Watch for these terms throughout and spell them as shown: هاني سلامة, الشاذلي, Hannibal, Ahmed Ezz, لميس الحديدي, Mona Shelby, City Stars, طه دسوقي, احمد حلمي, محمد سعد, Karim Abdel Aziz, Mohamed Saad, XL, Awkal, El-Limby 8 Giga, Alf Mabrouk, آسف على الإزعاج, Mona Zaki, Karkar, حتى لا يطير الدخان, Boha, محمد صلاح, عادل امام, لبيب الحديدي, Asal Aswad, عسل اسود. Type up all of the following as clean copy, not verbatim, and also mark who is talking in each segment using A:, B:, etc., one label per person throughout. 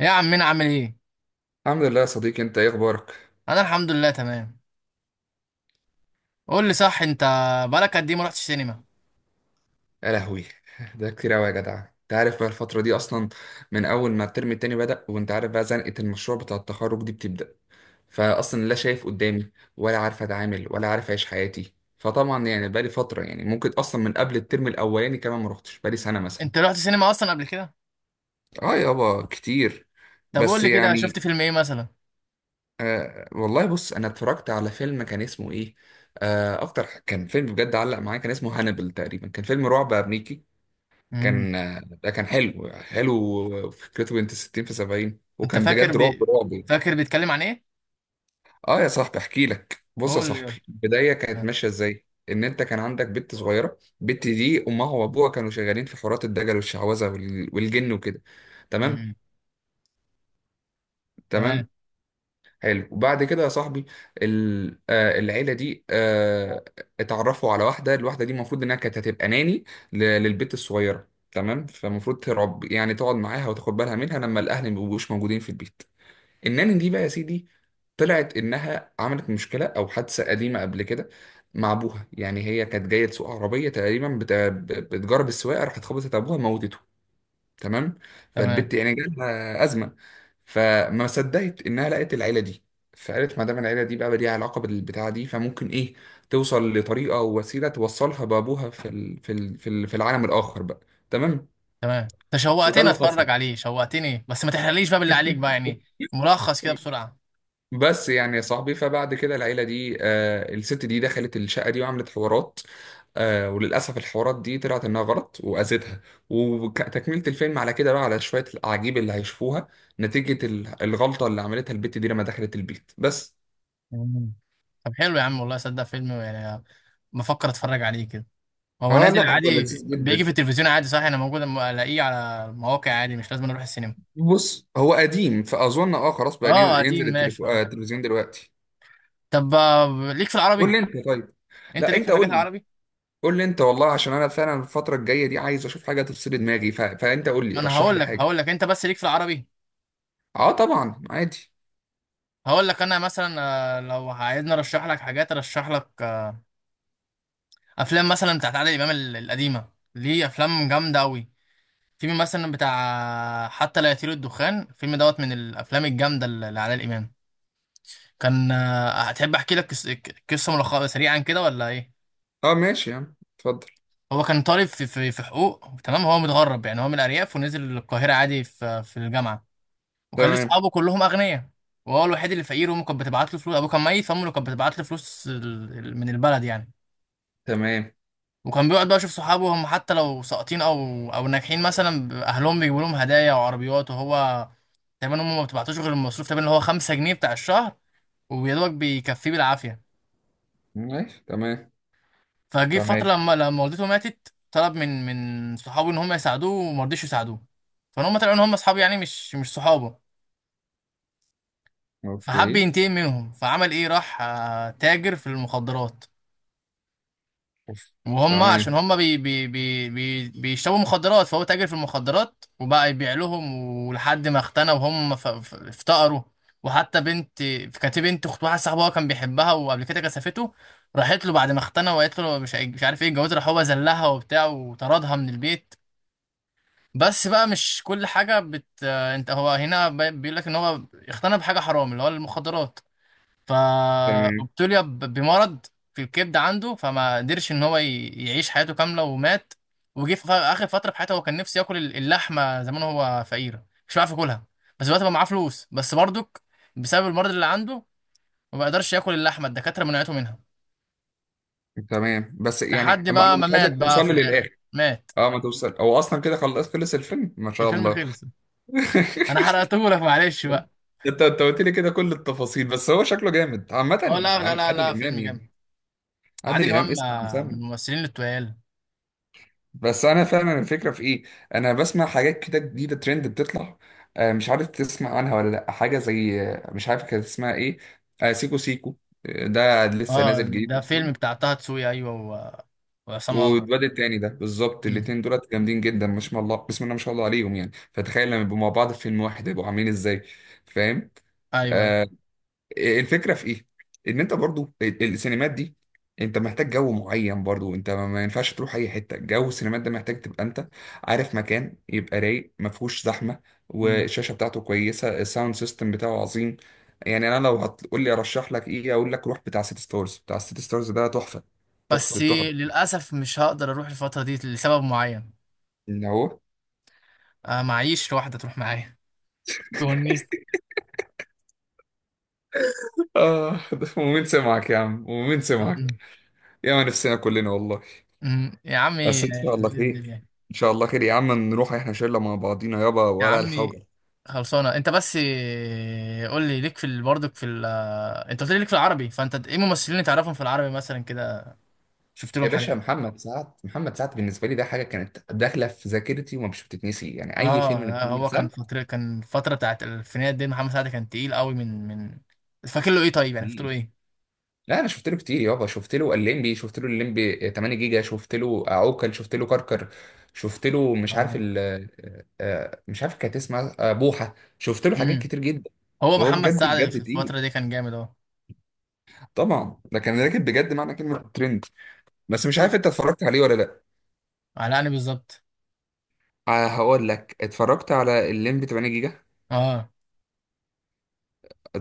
A: يا عمنا عامل ايه؟
B: الحمد لله يا صديقي، انت ايه اخبارك؟
A: انا الحمد لله تمام. قول لي صح انت، بقالك قد ايه ما رحتش سينما؟
B: يا لهوي، ده كتير قوي يا جدع. انت عارف بقى الفتره دي اصلا، من اول ما الترم التاني بدأ وانت عارف بقى زنقه المشروع بتاع التخرج دي بتبدأ، فاصلا لا شايف قدامي ولا عارف اتعامل ولا عارف اعيش حياتي. فطبعا يعني بقالي فتره، يعني ممكن اصلا من قبل الترم الاولاني كمان ما روحتش، بقالي سنه مثلا.
A: انت رحت سينما اصلا قبل كده؟
B: اه يابا كتير.
A: طب قول
B: بس
A: لي كده
B: يعني
A: شفت فيلم ايه مثلا؟
B: آه والله بص، انا اتفرجت على فيلم كان اسمه ايه، آه اكتر كان فيلم بجد علق معايا، كان اسمه هانبل تقريبا، كان فيلم رعب امريكي.
A: امم
B: كان، ده كان حلو حلو، فكرته بنت 60 في 70،
A: انت
B: وكان بجد
A: فاكر
B: طيب. رعب رعب.
A: فاكر بيتكلم عن ايه؟
B: اه يا صاحبي احكي لك. بص يا
A: قول لي
B: صاحبي،
A: يلا.
B: البدايه كانت ماشيه ازاي، ان انت كان عندك بنت صغيره، البنت دي امها وابوها كانوا شغالين في حورات الدجل والشعوذه والجن وكده. تمام.
A: امم تمام.
B: تمام. حلو وبعد كده يا صاحبي، العيله دي اتعرفوا على واحده، الواحده دي المفروض انها كانت هتبقى ناني للبت الصغيره، تمام. فالمفروض ترعب يعني، تقعد معاها وتاخد بالها منها لما الاهل ما بيبقوش موجودين في البيت. الناني دي بقى يا سيدي، طلعت انها عملت مشكله او حادثه قديمه قبل كده مع ابوها. يعني هي كانت جايه تسوق عربيه تقريبا، بتجرب السواقه، راحت خبطت ابوها، موتته. تمام.
A: تمام.
B: فالبت يعني جالها ازمه. فما صدقت انها لقت العيله دي، فقالت ما دام العيله دي بقى ليها علاقه بالبتاعه دي، فممكن ايه توصل لطريقه او وسيله توصلها بابوها في في العالم الاخر بقى. تمام.
A: تمام، انت
B: وده
A: شوقتني
B: اللي حصل.
A: اتفرج عليه، شوقتني، بس ما تحرقليش بقى باللي عليك بقى يعني. ملخص كده بسرعة.
B: بس يعني يا صاحبي، فبعد كده العيله دي الست دي دخلت الشقه دي وعملت حوارات، وللأسف الحوارات دي طلعت إنها غلط وأذتها. وتكملة الفيلم على كده بقى، على شوية الأعاجيب اللي هيشوفوها نتيجة الغلطة اللي عملتها البت دي لما دخلت البيت بس.
A: مم. طب حلو يا عم، والله صدق فيلم يعني، بفكر اتفرج عليه كده. هو
B: آه
A: نازل
B: لا، هو
A: عادي
B: لذيذ
A: بيجي في
B: جدا.
A: التلفزيون عادي صح؟ انا موجود أما الاقيه على المواقع عادي، مش لازم اروح السينما.
B: بص هو قديم، فأظن آه خلاص بقى
A: اه قديم،
B: ينزل
A: ماشي، اه تمام.
B: التلفزيون دلوقتي.
A: طب ليك في
B: قول
A: العربي؟
B: لي أنت طيب.
A: انت
B: لا
A: ليك في
B: أنت قول
A: الحاجات
B: لي.
A: العربي؟
B: قول لي أنت والله، عشان أنا فعلا الفترة الجاية دي عايز أشوف حاجة تفصل دماغي، فأنت قول لي
A: ما انا
B: رشح لي
A: هقول لك،
B: حاجة.
A: هقول لك، انت بس ليك في العربي؟
B: آه طبعا عادي.
A: هقول لك انا مثلا، لو عايزني ارشح لك حاجات ارشح لك افلام مثلا بتاعت عادل امام القديمه، ليه افلام جامده قوي. فيلم مثلا بتاع حتى لا يطير الدخان، الفيلم دوت من الافلام الجامده اللي لعادل امام. كان هتحب احكي لك قصه، ملخص سريعا كده ولا ايه؟
B: آه ماشي يا عم، اتفضل.
A: هو كان طالب في في حقوق، تمام؟ هو متغرب يعني، هو من الأرياف ونزل القاهرة عادي في الجامعة، وكان ليه
B: تمام.
A: صحابه كلهم أغنياء، وهو الوحيد اللي فقير، وأمه كانت بتبعت له فلوس، أبوه كان ميت فأمه اللي كانت بتبعت له فلوس من البلد يعني.
B: تمام.
A: وكان بيقعد بقى يشوف صحابه هم حتى لو ساقطين أو ناجحين مثلا أهلهم بيجيبوا لهم هدايا وعربيات، وهو تقريبا هم ما بتبعتوش غير المصروف تقريبا اللي هو 5 جنيه بتاع الشهر، ويا دوبك بيكفيه بالعافية.
B: ماشي. تمام.
A: فجه فترة
B: تمام.
A: لما والدته ماتت، طلب من صحابه ان هم يساعدوه، وما رضيش يساعدوه، فان هم طلعوا ان هم اصحاب يعني، مش صحابه. فحب
B: اوكي.
A: ينتقم منهم. فعمل ايه؟ راح تاجر في المخدرات.
B: أوف.
A: وهم عشان
B: تمام.
A: هم بي بي بي بي بيشربوا مخدرات، فهو تاجر في المخدرات وبقى يبيع لهم، ولحد ما اختنى وهم افتقروا. وحتى بنت، كانت بنت اخت واحد صاحبه، هو كان بيحبها وقبل كده كسفته، راحت له بعد ما اختنى وقالت له مش مش عارف ايه الجواز، راح هو ذلها وبتاع وطردها من البيت. بس بقى مش كل حاجة بت آه، انت هو هنا بيقول لك ان هو اقتنى بحاجة حرام اللي هو المخدرات،
B: تمام.
A: فابتلي بمرض في الكبد عنده، فما قدرش ان هو يعيش حياته كاملة ومات. وجي في اخر فترة في حياته، هو كان نفسه ياكل اللحمة زمان، هو فقير مش بيعرف ياكلها، بس دلوقتي بقى معاه فلوس، بس برضك بسبب المرض اللي عنده ما بيقدرش ياكل اللحمة، الدكاترة منعته منها،
B: تمام. بس يعني،
A: لحد
B: ما انا
A: بقى ما
B: مش
A: مات
B: عايزك
A: بقى
B: توصل
A: في
B: لي
A: الاخر،
B: للاخر.
A: مات.
B: اه ما توصل، هو اصلا كده خلاص خلص الفيلم ما شاء
A: الفيلم
B: الله.
A: خلص. انا حرقتهولك، معلش بقى.
B: انت قلت لي كده كل التفاصيل. بس هو شكله جامد عامة،
A: اه لا لا لا
B: عادل
A: لا،
B: امام
A: فيلم
B: يعني.
A: جامد.
B: عادل
A: عادل
B: امام
A: امام
B: اسم انا
A: من
B: مسمي.
A: الممثلين التقال.
B: بس انا فعلا الفكرة في ايه، انا بسمع حاجات كده جديدة ترند بتطلع، مش عارف تسمع عنها ولا لا، حاجة زي مش عارف كانت اسمها ايه، سيكو سيكو، ده لسه
A: اه
B: نازل جديد
A: ده
B: اصلا.
A: فيلم بتاع طه دسوقي، ايوه، وعصام عمر.
B: واتبدل تاني، ده بالظبط
A: أمم،
B: الاتنين دولت جامدين جدا، ما شاء الله بسم الله ما شاء الله عليهم يعني. فتخيل لما يبقوا مع بعض في فيلم واحد، هيبقوا عاملين ازاي. فاهم.
A: ايوه، أيوة.
B: آه. الفكره في ايه، ان انت برضو السينمات دي انت محتاج جو معين. برضو انت ما ينفعش تروح اي حته، جو السينمات ده محتاج تبقى انت عارف مكان يبقى رايق ما فيهوش زحمه،
A: أمم.
B: والشاشه بتاعته كويسه، الساوند سيستم بتاعه عظيم. يعني انا لو هتقول لي ارشح لك ايه، اقول لك روح بتاع سيتي ستارز. بتاع سيتي ستارز ده تحفه، تحفه
A: بس
B: التحف.
A: للاسف مش هقدر اروح الفتره دي لسبب معين.
B: اللي هو
A: معيش واحده تروح معايا، تونس.
B: آه. ده ومين سمعك يا عم، ومين سمعك.
A: أمم،
B: يا ما نفسنا كلنا والله.
A: أمم. يا عمي
B: بس إن شاء الله
A: باذن
B: خير،
A: الله.
B: إن شاء الله خير يا عم، نروح إحنا شلة مع بعضينا يابا
A: يا
B: ولا
A: عمي
B: الحوجة.
A: خلصانه. انت بس قول لي ليك في برضك في ال... آه، انت قلت لي ليك في العربي، فانت ايه ممثلين تعرفهم في العربي مثلا كده، شفت لهم
B: يا باشا،
A: حاجه؟
B: محمد سعد. محمد سعد بالنسبه لي ده حاجه كانت داخله في ذاكرتي ومش بتتنسي، يعني اي فيلم
A: اه لا،
B: لمحمد
A: هو كان
B: سعد.
A: فترة، كان الفترة بتاعت الألفينات دي محمد سعد كان تقيل قوي من. فاكر له ايه طيب يعني، فاكر له
B: مم.
A: ايه؟
B: لا انا شفت له كتير يابا، شفت له الليمبي، شفت له الليمبي 8 جيجا، شفت له عوكل، شفت له كركر، شفت له مش عارف
A: آه.
B: ال آه، آه، مش عارف كانت اسمها بوحه، شفت له حاجات
A: امم.
B: كتير جدا.
A: هو
B: وهو
A: محمد
B: بجد
A: سعد في
B: بجد تقيل،
A: الفترة دي كان جامد اهو.
B: طبعا ده كان راكب بجد معنى كلمة ترند. بس مش عارف
A: شوف،
B: انت اتفرجت عليه ولا لا.
A: علقني بالظبط.
B: هقول لك اتفرجت على الليمبي 8 جيجا.
A: اه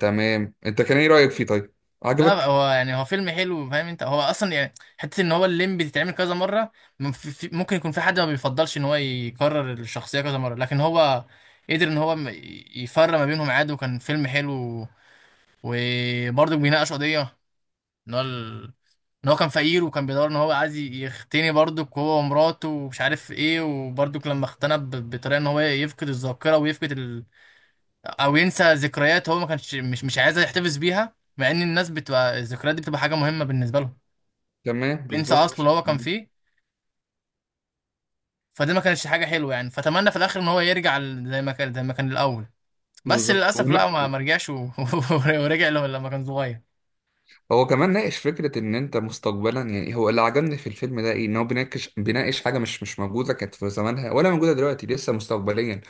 B: تمام، انت كان ايه رأيك فيه طيب،
A: لا،
B: عجبك؟
A: هو يعني هو فيلم حلو، فاهم انت؟ هو اصلا يعني، حته ان هو الليمبي بتتعمل كذا مره، ممكن يكون في حد ما بيفضلش ان هو يكرر الشخصيه كذا مره، لكن هو قدر ان هو يفرق ما بينهم عادي، وكان فيلم حلو، وبرضه بيناقش قضيه ان ان هو كان فقير وكان بيدور ان هو عايز يختني برضك، هو ومراته ومش عارف ايه. وبرضك لما اختنى بطريقه ان هو يفقد الذاكره ويفقد او ينسى ذكريات، هو ما كانش مش عايز يحتفظ بيها، مع ان الناس بتبقى الذكريات دي بتبقى حاجه مهمه بالنسبه لهم.
B: تمام
A: ينسى اصله
B: بالظبط،
A: اللي هو كان فيه، فدي ما كانتش حاجه حلوه يعني. فتمنى في الاخر ان هو يرجع زي ما كان، الاول بس
B: بالظبط.
A: للاسف لا، ما رجعش ورجع له لما كان صغير.
B: هو كمان ناقش فكرة إن أنت مستقبلا، يعني هو اللي عجبني في الفيلم ده إيه، إن هو بيناقش حاجة مش موجودة كانت في زمانها ولا موجودة دلوقتي، لسه مستقبليا.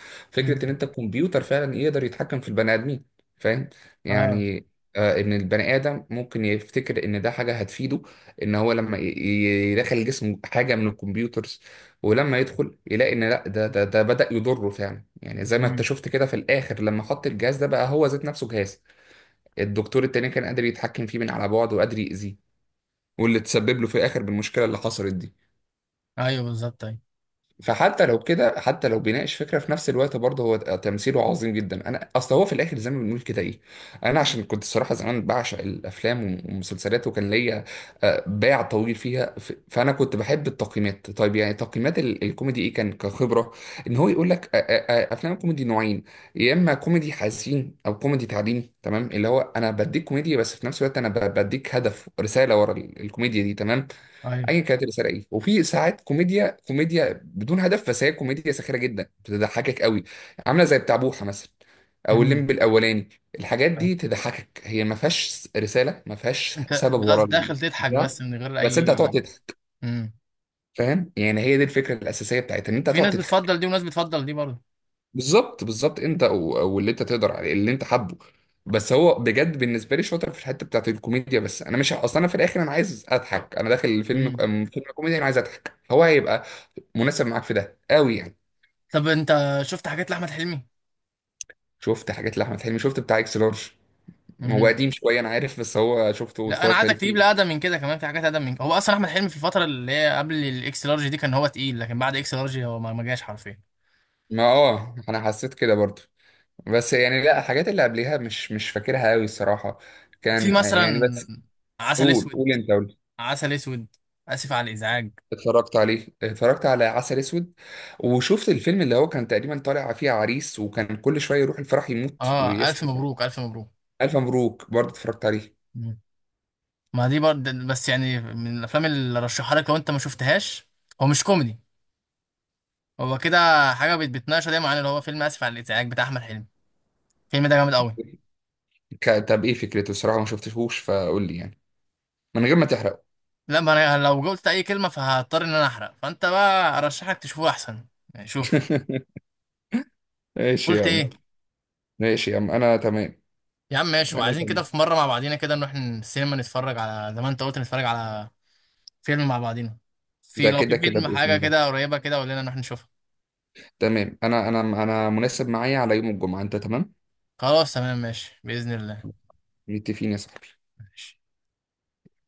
A: امم.
B: فكرة إن أنت الكمبيوتر فعلا يقدر يتحكم في البني آدمين. فاهم
A: اه.
B: يعني. آه، إن البني آدم ممكن يفتكر إن ده حاجة هتفيده، إن هو لما يدخل جسمه حاجة من الكمبيوترز، ولما يدخل يلاقي إن لأ، ده بدأ يضره فعلا. يعني زي ما أنت
A: امم.
B: شفت كده في الآخر لما حط الجهاز ده، بقى هو ذات نفسه جهاز. الدكتور التاني كان قادر يتحكم فيه من على بعد وقادر يأذيه، واللي تسبب له في الآخر بالمشكلة اللي حصلت دي.
A: ايوه بالظبط، ايوه.
B: فحتى لو كده، حتى لو بيناقش فكره في نفس الوقت، برضه هو تمثيله عظيم جدا. انا اصل هو في الاخر زي ما بنقول كده ايه، انا عشان كنت الصراحه زمان بعشق الافلام والمسلسلات، وكان ليا باع طويل فيها. فانا كنت بحب التقييمات طيب، يعني تقييمات الكوميدي ايه، كان كخبره ان هو يقول لك افلام الكوميدي نوعين. يا اما كوميدي حزين او كوميدي تعليمي، تمام، اللي هو انا بديك كوميديا، بس في نفس الوقت انا بديك هدف رساله ورا الكوميديا دي، تمام.
A: ايوه.
B: اي كانت رساله ايه. وفي ساعات كوميديا بدون هدف، بس هي كوميديا ساخره جدا بتضحكك قوي، عامله زي بتاع بوحه مثلا، او
A: امم.
B: الليمبي الاولاني. الحاجات دي تضحكك، هي ما فيهاش رساله ما فيهاش
A: انت
B: سبب
A: بس
B: ورا
A: داخل تضحك
B: البتاع،
A: بس من غير
B: بس انت هتقعد
A: اي.
B: تضحك.
A: امم.
B: فاهم يعني، هي دي الفكره الاساسيه بتاعتها، ان انت
A: في
B: هتقعد
A: ناس بتفضل
B: تضحك.
A: دي وناس بتفضل دي برضه.
B: بالظبط، بالظبط. انت واللي انت تقدر عليه اللي انت حابه. بس هو بجد بالنسبه لي شاطر في الحته بتاعت الكوميديا. بس انا مش اصلا، انا في الاخر انا عايز اضحك، انا داخل الفيلم
A: امم.
B: فيلم كوميديا انا عايز اضحك، هو هيبقى مناسب معاك في ده قوي يعني.
A: طب انت شفت حاجات لاحمد حلمي؟
B: شفت حاجات لاحمد حلمي، شفت بتاع اكس لارج. هو
A: امم.
B: قديم شويه انا عارف، بس هو شفته
A: لا انا
B: واتفرجت عليه
A: عايزك تجيب لي
B: كتير.
A: اقدم من كده، كمان في حاجات اقدم من. هو اصلا احمد حلمي في الفتره اللي هي قبل الاكس لارج دي كان هو تقيل، لكن بعد اكس لارج هو ما جاش حرفيا.
B: ما اه انا حسيت كده برضو. بس يعني لا، الحاجات اللي قبليها مش فاكرها قوي الصراحه.
A: في
B: كان يعني
A: مثلا
B: بس.
A: عسل
B: قول
A: اسود.
B: قول انت.
A: عسل اسود. اسف على الازعاج.
B: اتفرجت عليه، اتفرجت على عسل اسود. وشفت الفيلم اللي هو كان تقريبا طالع فيه عريس، وكان كل شويه يروح الفرح يموت
A: اه الف
B: ويصحى.
A: مبروك، الف مبروك.
B: الف مبروك برضه اتفرجت عليه.
A: مم. ما دي برضه بس يعني من الافلام اللي رشحها لك لو انت ما شفتهاش. هو مش كوميدي، هو كده حاجة بتناقشوا دايما، عن اللي هو فيلم آسف على الإزعاج بتاع أحمد حلمي، الفيلم ده جامد أوي.
B: طب ايه فكرته؟ الصراحه ما شفتهوش، فقول لي يعني، من غير ما تحرق.
A: لا، ما أنا لو قلت أي كلمة فهضطر إن أنا أحرق، فأنت بقى أرشحك تشوفه أحسن يعني. شوف،
B: ماشي
A: قلت
B: يا عم.
A: إيه؟
B: ماشي يا عم انا تمام.
A: يا عم ماشي،
B: انا
A: وعايزين كده
B: تمام.
A: في مرة مع بعضينا كده نروح السينما نتفرج على، زي ما أنت قلت، نتفرج على فيلم مع بعضينا. في،
B: ده
A: لو
B: كده
A: في
B: كده
A: فيلم
B: باذن
A: حاجة
B: الله.
A: كده قريبة كده، قول لنا نروح نشوفها.
B: تمام، انا مناسب معايا على يوم الجمعه، انت تمام؟
A: خلاص تمام، ماشي بإذن الله.
B: متفقين يا صاحبي.
A: ماشي.